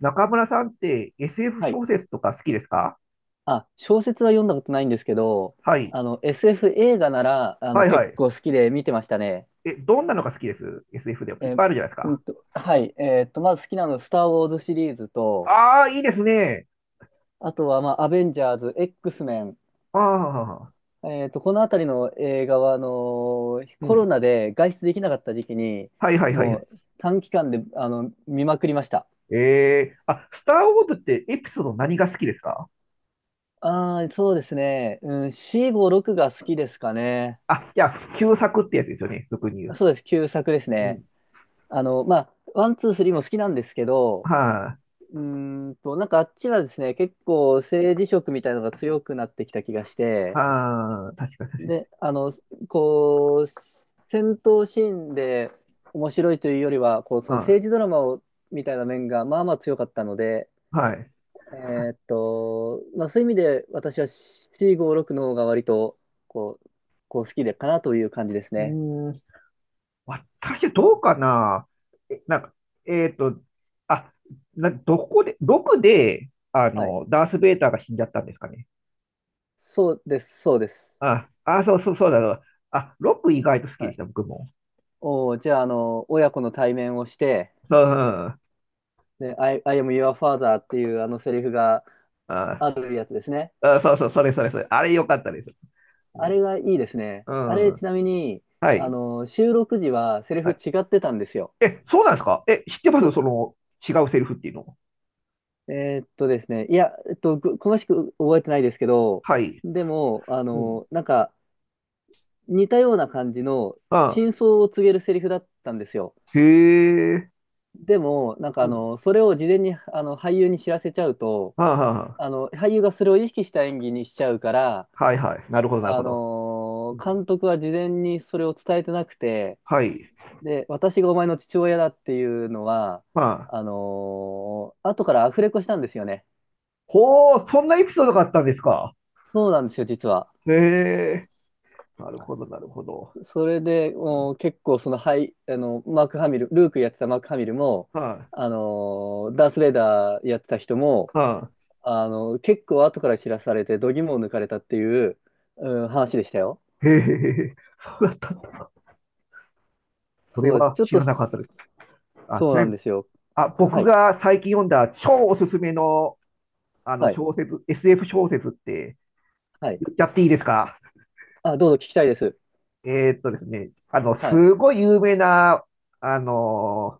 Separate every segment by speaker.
Speaker 1: 中村さんって SF
Speaker 2: はい。
Speaker 1: 小説とか好きですか？
Speaker 2: あ、小説は読んだことないんですけど、
Speaker 1: はい。
Speaker 2: SF 映画なら、
Speaker 1: はいは
Speaker 2: 結
Speaker 1: い。
Speaker 2: 構好きで見てましたね。
Speaker 1: え、どんなのが好きです？ SF でいっ
Speaker 2: え
Speaker 1: ぱ
Speaker 2: ー、
Speaker 1: いあるじゃないですか。
Speaker 2: はい。まず好きなの、スター・ウォーズシリーズと、
Speaker 1: ああ、いいですね。
Speaker 2: あとは、まあ、アベンジャーズ、X メン。
Speaker 1: ああ、
Speaker 2: このあたりの映画は、
Speaker 1: う
Speaker 2: コロ
Speaker 1: ん。
Speaker 2: ナで外出できなかった時期に、
Speaker 1: はいはいは
Speaker 2: も
Speaker 1: い。
Speaker 2: う短期間で、見まくりました。
Speaker 1: あ、スター・ウォーズってエピソード何が好きですか？
Speaker 2: ああ、そうですね。うん、4、5、6が好きですかね。
Speaker 1: あ、じゃあ、旧作ってやつですよね、俗に言う。
Speaker 2: そうです。旧作です
Speaker 1: う
Speaker 2: ね。
Speaker 1: ん。
Speaker 2: まあ、ワン、ツー、スリーも好きなんですけど、
Speaker 1: はい、
Speaker 2: なんかあっちはですね、結構政治色みたいなのが強くなってきた気がし
Speaker 1: あ。
Speaker 2: て、
Speaker 1: ああ、確かに確かに。
Speaker 2: で、こう、戦闘シーンで面白いというよりは、こう、その
Speaker 1: あ、
Speaker 2: 政治ドラマをみたいな面がまあまあ強かったので、
Speaker 1: はい。
Speaker 2: まあ、そういう意味で私は C56 の方が割と、こう、こう好きでかなという感じです
Speaker 1: う
Speaker 2: ね。
Speaker 1: ーん。私どうかな？なんか、えっと、あ、な、どこで、どこで、
Speaker 2: はい。
Speaker 1: ダース・ベイダーが死んじゃったんですかね。
Speaker 2: そうです、そうです。
Speaker 1: あ、あ、そうそうそうだろう。あ、ロック意外と好き
Speaker 2: は
Speaker 1: でし
Speaker 2: い。
Speaker 1: た、僕も。
Speaker 2: おー、じゃあ、親子の対面をして、
Speaker 1: うん、うん。
Speaker 2: で、I am your father っていうあのセリフが
Speaker 1: あ、
Speaker 2: あるやつですね。
Speaker 1: あ、そうそう、それそれそれ。あれ良かったです。う
Speaker 2: あ
Speaker 1: ん。
Speaker 2: れがいいですね。あ
Speaker 1: う
Speaker 2: れ、ち
Speaker 1: ん、
Speaker 2: なみに、
Speaker 1: はい。
Speaker 2: 収録時はセリフ
Speaker 1: はい。
Speaker 2: 違ってたんですよ。
Speaker 1: え、そうなんですか？え、知ってますそ
Speaker 2: そ
Speaker 1: の、違うセリフっていうの。
Speaker 2: えーっとですね、いや、詳しく覚えてないですけど、
Speaker 1: はい。
Speaker 2: でも、
Speaker 1: うん。
Speaker 2: なんか、似たような感じの
Speaker 1: あ、
Speaker 2: 真相を告げるセリフだったんですよ。
Speaker 1: へえ。
Speaker 2: でも、なんか
Speaker 1: うん。
Speaker 2: それを事前にあの俳優に知らせちゃうと、
Speaker 1: はあ、は
Speaker 2: 俳優がそれを意識した演技にしちゃうから、
Speaker 1: あ、はいはい。なるほど、なるほど。うん。
Speaker 2: 監督は事前にそれを伝えてなくて、
Speaker 1: はい。
Speaker 2: で、私がお前の父親だっていうのは、
Speaker 1: まあ、
Speaker 2: 後からアフレコしたんですよね。
Speaker 1: ほう、そんなエピソードがあったんですか。
Speaker 2: そうなんですよ、実は。
Speaker 1: へえ、なるほど、なるほど。
Speaker 2: それで、結構その、はい、マーク・ハミル、ルークやってたマーク・ハミルも、
Speaker 1: は
Speaker 2: ダース・レイダーやってた人も、
Speaker 1: い、は
Speaker 2: 結構後から知らされて、度肝を抜かれたっていう、うん、話でしたよ。
Speaker 1: い。へえ、そうだったんだ。それ
Speaker 2: そうです。
Speaker 1: は
Speaker 2: ちょっ
Speaker 1: 知
Speaker 2: と、
Speaker 1: らなかったです。あ、
Speaker 2: そ
Speaker 1: ち
Speaker 2: う
Speaker 1: な
Speaker 2: な
Speaker 1: み
Speaker 2: ん
Speaker 1: に、
Speaker 2: ですよ。
Speaker 1: あ、
Speaker 2: は
Speaker 1: 僕
Speaker 2: い、
Speaker 1: が最近読んだ超おすすめの、あの
Speaker 2: はい、
Speaker 1: 小説、SF 小説って
Speaker 2: はい。
Speaker 1: 言っちゃっていいですか？
Speaker 2: あ、どうぞ聞きたいです。
Speaker 1: ですね、
Speaker 2: はい。
Speaker 1: すごい有名な、あの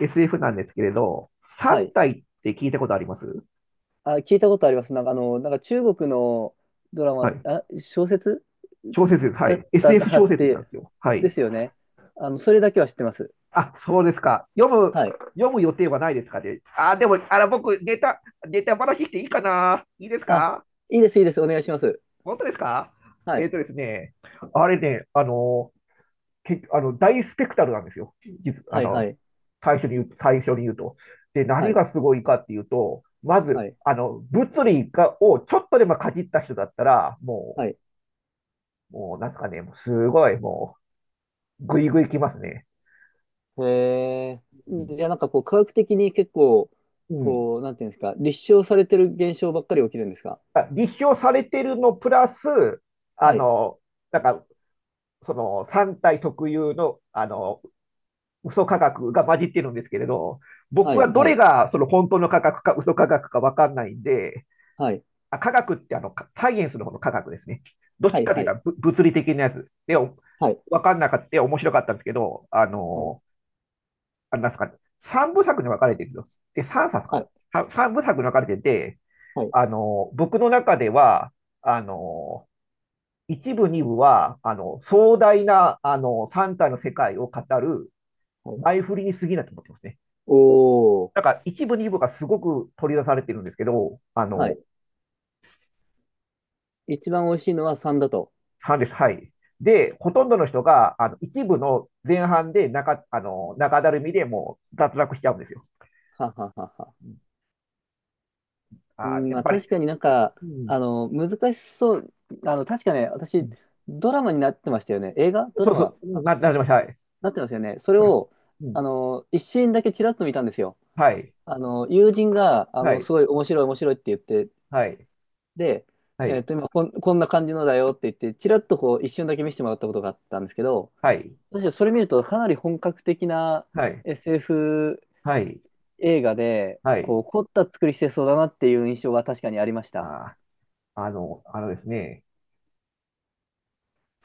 Speaker 1: SF なんですけれど、
Speaker 2: は
Speaker 1: 三
Speaker 2: い。
Speaker 1: 体って聞いたことあります？
Speaker 2: あ、聞いたことあります。なんか、なんか中国のドラ
Speaker 1: は
Speaker 2: マ、
Speaker 1: い。
Speaker 2: あ、小説
Speaker 1: 小説です。は
Speaker 2: だ
Speaker 1: い。
Speaker 2: った
Speaker 1: SF
Speaker 2: は
Speaker 1: 小
Speaker 2: っ
Speaker 1: 説なんで
Speaker 2: て、
Speaker 1: すよ。は
Speaker 2: で
Speaker 1: い。
Speaker 2: すよね。それだけは知ってます。
Speaker 1: あ、そうですか。
Speaker 2: はい。
Speaker 1: 読む予定はないですかね。あ、でも、あら、僕、ネタ話していいかな、いいです
Speaker 2: あ、
Speaker 1: か？
Speaker 2: いいです、いいです。お願いします。
Speaker 1: 本当ですか？
Speaker 2: はい。
Speaker 1: ですね、あれね、あの、け、あの、大スペクタルなんですよ。実、あ
Speaker 2: はい、は
Speaker 1: の、
Speaker 2: い。
Speaker 1: 最初に言う、最初に言うと。で、
Speaker 2: は
Speaker 1: 何
Speaker 2: い、
Speaker 1: がすごいかっていうと、ま
Speaker 2: は
Speaker 1: ず、
Speaker 2: い、
Speaker 1: 物理をちょっとでもかじった人だったら、も
Speaker 2: はい。
Speaker 1: う、もう、なんですかね、もうすごい、もう、ぐいぐいきますね。
Speaker 2: へえ。
Speaker 1: うん。
Speaker 2: じゃあ、なんかこう、科学的に結構、
Speaker 1: うん。
Speaker 2: こう、なんていうんですか、立証されてる現象ばっかり起きるんですか？
Speaker 1: あ、立証されてるのプラス、あ
Speaker 2: はい、
Speaker 1: の、なんか、その3体特有の、嘘科学が混じってるんですけれど、
Speaker 2: は
Speaker 1: 僕は
Speaker 2: い、
Speaker 1: ど
Speaker 2: は
Speaker 1: れ
Speaker 2: い、
Speaker 1: がその本当の科学か嘘科学かわかんないんで、
Speaker 2: はい、
Speaker 1: あ、科学ってサイエンスの方の科学ですね。どっ
Speaker 2: は
Speaker 1: ち
Speaker 2: い、
Speaker 1: かという
Speaker 2: はい、
Speaker 1: と物理的なやつで、
Speaker 2: はい、
Speaker 1: わかんなかった、面白かったんですけど、
Speaker 2: はい、
Speaker 1: あれなんですかね、3部作に分かれてるんですよ。で、3冊か
Speaker 2: はい、
Speaker 1: な。3部作に分かれてて、
Speaker 2: はい。
Speaker 1: 僕の中では、あの、一部、二部は、壮大な、三体の世界を語る
Speaker 2: はい。
Speaker 1: 前振りに過ぎないと思ってますね。
Speaker 2: お
Speaker 1: だ
Speaker 2: ー。
Speaker 1: から、一部、二部がすごく取り出されてるんですけど、
Speaker 2: はい。一番美味しいのは3だと。
Speaker 1: 3です。はい。で、ほとんどの人が、一部の前半で中、あの、中だるみでもう脱落しちゃうんですよ。
Speaker 2: はははは。
Speaker 1: うん。
Speaker 2: う
Speaker 1: あ、
Speaker 2: ん、
Speaker 1: や
Speaker 2: ま
Speaker 1: っ
Speaker 2: あ
Speaker 1: ぱり、
Speaker 2: 確かになんか、
Speaker 1: うん、
Speaker 2: 難しそう。確かね、
Speaker 1: う
Speaker 2: 私、
Speaker 1: ん、
Speaker 2: ドラマになってましたよね。映画ド
Speaker 1: そ
Speaker 2: ラ
Speaker 1: うそ
Speaker 2: マ
Speaker 1: う、うん
Speaker 2: あ
Speaker 1: なりました。はい。
Speaker 2: なってますよね。それを、
Speaker 1: うん、
Speaker 2: 一シーンだけちらっと見たんですよ。
Speaker 1: はい、
Speaker 2: 友人が、
Speaker 1: は
Speaker 2: す
Speaker 1: い、
Speaker 2: ごい面白い面白いって言って、
Speaker 1: はい、
Speaker 2: で、
Speaker 1: はい、
Speaker 2: 今こんな感じのだよって言って、ちらっとこう、一瞬だけ見せてもらったことがあったんですけど、
Speaker 1: はい、
Speaker 2: 確かにそれ見ると、かなり本格的な
Speaker 1: はい、
Speaker 2: SF
Speaker 1: はい、
Speaker 2: 映画で、
Speaker 1: は
Speaker 2: こ
Speaker 1: い、
Speaker 2: う、凝った作りしてそうだなっていう印象は確かにありました。
Speaker 1: あー、あの、あのですね、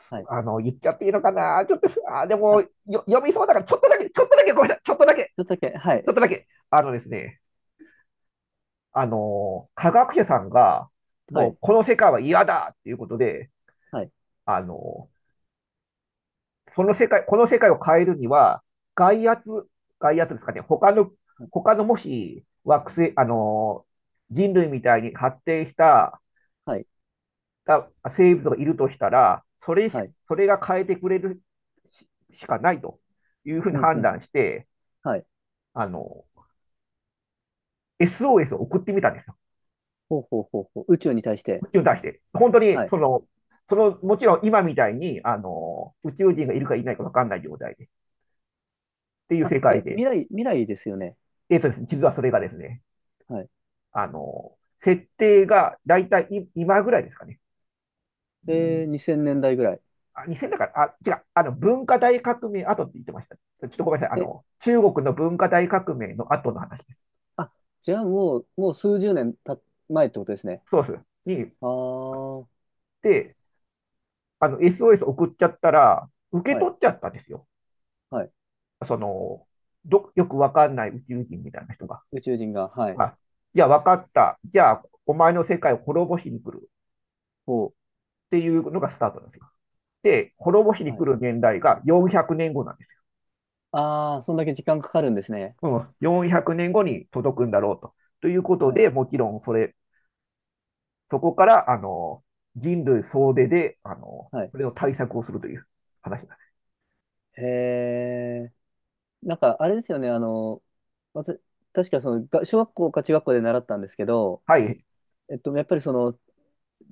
Speaker 2: はい。
Speaker 1: あの、言っちゃっていいのかなちょっと、あ、でも、
Speaker 2: あ、ち
Speaker 1: 読みそうだから、ちょっとだけ、ちょっとだけ、ごめんなさい、ちょっとだけ、
Speaker 2: ょっとだけ、は
Speaker 1: ちょ
Speaker 2: い。
Speaker 1: っとだけ。あのですね、あの、科学者さんが、
Speaker 2: は
Speaker 1: もう、
Speaker 2: い。
Speaker 1: この世界は嫌だっていうことで、
Speaker 2: はい。
Speaker 1: あの、その世界、この世界を変えるには、外圧、外圧ですかね、他のもし、惑星、人類みたいに発展した
Speaker 2: はい。
Speaker 1: 生物がいるとしたら、
Speaker 2: はい。
Speaker 1: それが変えてくれるしかないというふうに
Speaker 2: うんう
Speaker 1: 判
Speaker 2: ん。
Speaker 1: 断して、
Speaker 2: はい。
Speaker 1: あの、SOS を送ってみたんですよ。
Speaker 2: ほうほうほうほう。宇宙に対して。
Speaker 1: 宇宙に対して。本当に、
Speaker 2: はい。
Speaker 1: その、もちろん今みたいに、宇宙人がいるかいないか分かんない状態で、っていう
Speaker 2: あ、
Speaker 1: 世界
Speaker 2: え、
Speaker 1: で。
Speaker 2: 未来ですよね。
Speaker 1: ですね、実はそれがですね、
Speaker 2: はい。
Speaker 1: 設定が大体今ぐらいですかね。う
Speaker 2: えー、
Speaker 1: ん、
Speaker 2: 2000年代ぐらい。
Speaker 1: あ、2000だから、あ、違う、文化大革命後って言ってました。ちょっとごめんなさい。
Speaker 2: え、
Speaker 1: 中国の文化大革命の後の話です。
Speaker 2: あ、じゃあもう数十年前ってことですね。
Speaker 1: そうです。に、
Speaker 2: あ
Speaker 1: あっ
Speaker 2: あ、は
Speaker 1: て、あの、SOS 送っちゃったら、受け
Speaker 2: い。
Speaker 1: 取っちゃったんですよ。
Speaker 2: はい。
Speaker 1: その、よくわかんない宇宙人みたいな人が、
Speaker 2: 宇宙人が、はい。
Speaker 1: あ、じゃあわかった。じゃあ、お前の世界を滅ぼしに来る
Speaker 2: ほう。
Speaker 1: っていうのがスタートなんですよ。で、滅ぼしに
Speaker 2: は
Speaker 1: 来
Speaker 2: い。
Speaker 1: る年代が400年後なんですよ。
Speaker 2: ああ、そんだけ時間かかるんですね。
Speaker 1: うん、400年後に届くんだろうと。ということ
Speaker 2: はい。
Speaker 1: で、もちろんそこから、人類総出で、
Speaker 2: はい。
Speaker 1: それの対策をするという話なんです。
Speaker 2: へえ。なんか、あれですよね、わた確かその、が小学校か中学校で習ったんですけど、
Speaker 1: はい、
Speaker 2: やっぱりその、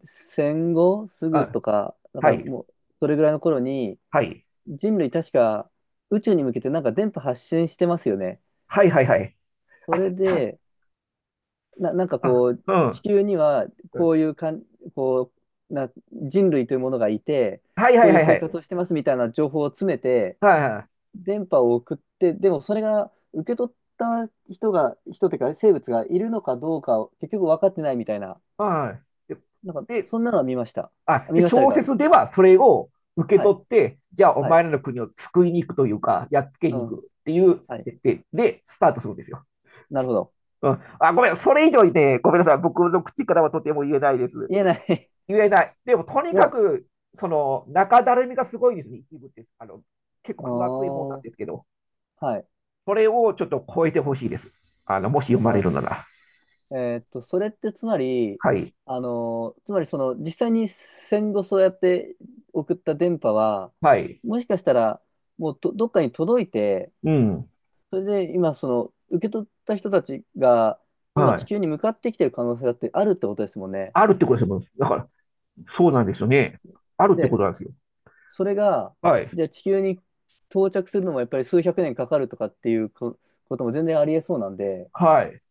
Speaker 2: 戦後す
Speaker 1: う
Speaker 2: ぐ
Speaker 1: ん、
Speaker 2: とか、なん
Speaker 1: は
Speaker 2: か
Speaker 1: い、
Speaker 2: もう、それぐらいの頃に、
Speaker 1: はい、
Speaker 2: 人類確か宇宙に向けてなんか電波発信してますよね。
Speaker 1: はい、はい、はい。
Speaker 2: それ
Speaker 1: あ、
Speaker 2: で、なんかこう、
Speaker 1: う
Speaker 2: 地
Speaker 1: ん、
Speaker 2: 球には
Speaker 1: う
Speaker 2: こ
Speaker 1: ん、
Speaker 2: ういうこう、人類というものがいて、
Speaker 1: はい、は
Speaker 2: こ
Speaker 1: い、
Speaker 2: ういう
Speaker 1: はい、は
Speaker 2: 生
Speaker 1: い、
Speaker 2: 活をしてますみたいな情報を詰めて、
Speaker 1: はい、はい、
Speaker 2: 電波を送って、でもそれが受け取った人が、人というか生物がいるのかどうかを結局分かってないみたいな、
Speaker 1: はい。
Speaker 2: なんか
Speaker 1: で
Speaker 2: そんなのは見ました。あ、
Speaker 1: で、
Speaker 2: 見ました
Speaker 1: 小
Speaker 2: か。
Speaker 1: 説ではそれを受け
Speaker 2: はい、
Speaker 1: 取って、じゃあお
Speaker 2: はい、
Speaker 1: 前らの国を救いに行くというか、やっつけ
Speaker 2: う
Speaker 1: に行く
Speaker 2: ん、
Speaker 1: っていう
Speaker 2: はい、
Speaker 1: 設定でスタートするんですよ。
Speaker 2: なるほど。
Speaker 1: うん、あ、ごめん、それ以上にね、ごめんなさい、僕の口からはとても言えないです。
Speaker 2: 言えない。
Speaker 1: 言えない。でも、と に
Speaker 2: で
Speaker 1: か
Speaker 2: も、
Speaker 1: く、その、中だるみがすごいですね、一部って。結構
Speaker 2: あ
Speaker 1: 分厚い本なん
Speaker 2: ー、
Speaker 1: ですけど、
Speaker 2: はい、
Speaker 1: それをちょっと超えてほしいです。もし読まれ
Speaker 2: な
Speaker 1: るなら。
Speaker 2: それってつまり、
Speaker 1: はい。
Speaker 2: つまりその実際に戦後そうやって送った電波は、
Speaker 1: はい。
Speaker 2: もしかしたらもうどっかに届いて、
Speaker 1: うん。
Speaker 2: それで今、その、受け取った人たちが、今
Speaker 1: は
Speaker 2: 地
Speaker 1: い。
Speaker 2: 球に向かってきてる可能性だってあるってことですもんね。
Speaker 1: あるってことですもん。だから、そうなんですよね。あるってこ
Speaker 2: で、
Speaker 1: となんですよ。
Speaker 2: それが、
Speaker 1: はい。
Speaker 2: じゃあ地球に到着するのもやっぱり数百年かかるとかっていうことも全然ありえそうなんで、
Speaker 1: はい。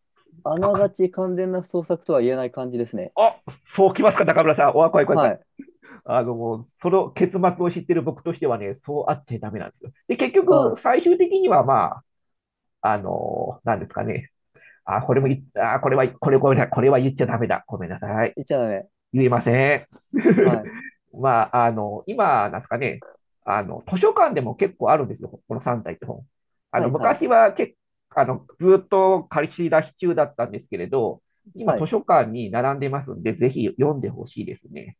Speaker 2: あながち完全な捜索とは言えない感じですね。
Speaker 1: あ、そうきますか、中村さん。おわ、怖い怖い怖
Speaker 2: は
Speaker 1: い。
Speaker 2: い。
Speaker 1: その結末を知ってる僕としてはね、そうあっちゃダメなんですよ。で、結局、
Speaker 2: あ
Speaker 1: 最終的にはまあ、なんですかね。あ、これ
Speaker 2: あ、
Speaker 1: も
Speaker 2: はい。
Speaker 1: い、あ、これは、これ、これ、これは言っちゃダメだ。ごめんなさい。
Speaker 2: 言っちゃダメ。
Speaker 1: 言えません。
Speaker 2: は い。
Speaker 1: まあ、今、なんですかね、図書館でも結構あるんですよ、この3体って本。
Speaker 2: はい、はい。
Speaker 1: 昔は結あの、ずっと借り出し中だったんですけれど、今
Speaker 2: は
Speaker 1: 図
Speaker 2: い。
Speaker 1: 書館に並んでますんで、ぜひ読んでほしいですね。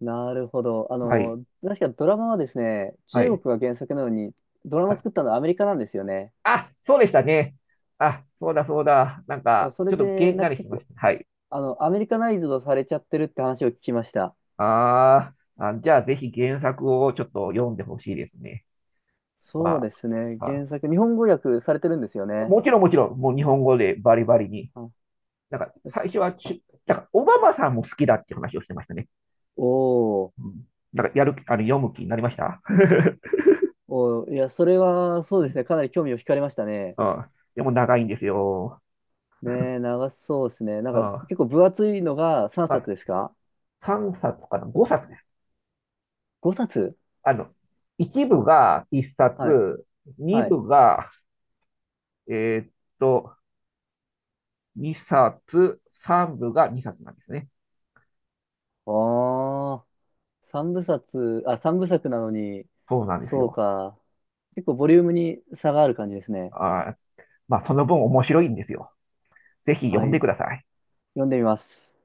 Speaker 2: なるほど。
Speaker 1: はい。
Speaker 2: 確かドラマはですね、
Speaker 1: は
Speaker 2: 中
Speaker 1: い。
Speaker 2: 国が原作なのに、ドラマ
Speaker 1: は
Speaker 2: を
Speaker 1: い。
Speaker 2: 作ったのはアメリカなんですよね。
Speaker 1: あ、そうでしたね。あ、そうだそうだ。なん
Speaker 2: そう、
Speaker 1: か、
Speaker 2: そ
Speaker 1: ち
Speaker 2: れ
Speaker 1: ょっとげ
Speaker 2: で、
Speaker 1: ん
Speaker 2: なん
Speaker 1: な
Speaker 2: か
Speaker 1: りし
Speaker 2: 結
Speaker 1: まし
Speaker 2: 構、
Speaker 1: た。はい。
Speaker 2: アメリカナイズドされちゃってるって話を聞きました。
Speaker 1: あーあ、じゃあぜひ原作をちょっと読んでほしいですね。ま
Speaker 2: そう
Speaker 1: あ、
Speaker 2: ですね。
Speaker 1: あ、
Speaker 2: 原作、日本語訳されてるんですよね。
Speaker 1: もちろんもちろん、もう日本語でバリバリに。
Speaker 2: あ、
Speaker 1: なんか
Speaker 2: で
Speaker 1: 最初
Speaker 2: す。
Speaker 1: はだからオバマさんも好きだって話をしてましたね。
Speaker 2: おー。
Speaker 1: うん。なんかやる、あの、読む気になりました。
Speaker 2: おー、いや、それは、そう
Speaker 1: う
Speaker 2: です
Speaker 1: ん。
Speaker 2: ね。かなり興味を惹かれましたね。
Speaker 1: うん。でも長いんですよ。
Speaker 2: ねえ、長そうですね。なん
Speaker 1: うん。
Speaker 2: か、
Speaker 1: ま
Speaker 2: 結構分厚いのが3冊
Speaker 1: あ、
Speaker 2: ですか？
Speaker 1: 3冊かな？ 5 冊です。
Speaker 2: 5 冊？
Speaker 1: あの、1部が1
Speaker 2: はい。
Speaker 1: 冊、2
Speaker 2: はい。
Speaker 1: 部が、えーっと、2冊、3部が2冊なんですね。
Speaker 2: ああ、3部作なのに、
Speaker 1: そうなんです
Speaker 2: そう
Speaker 1: よ。
Speaker 2: か。結構ボリュームに差がある感じですね。
Speaker 1: あー、まあ、その分面白いんですよ。ぜひ読
Speaker 2: は
Speaker 1: ん
Speaker 2: い。
Speaker 1: でください。
Speaker 2: 読んでみます。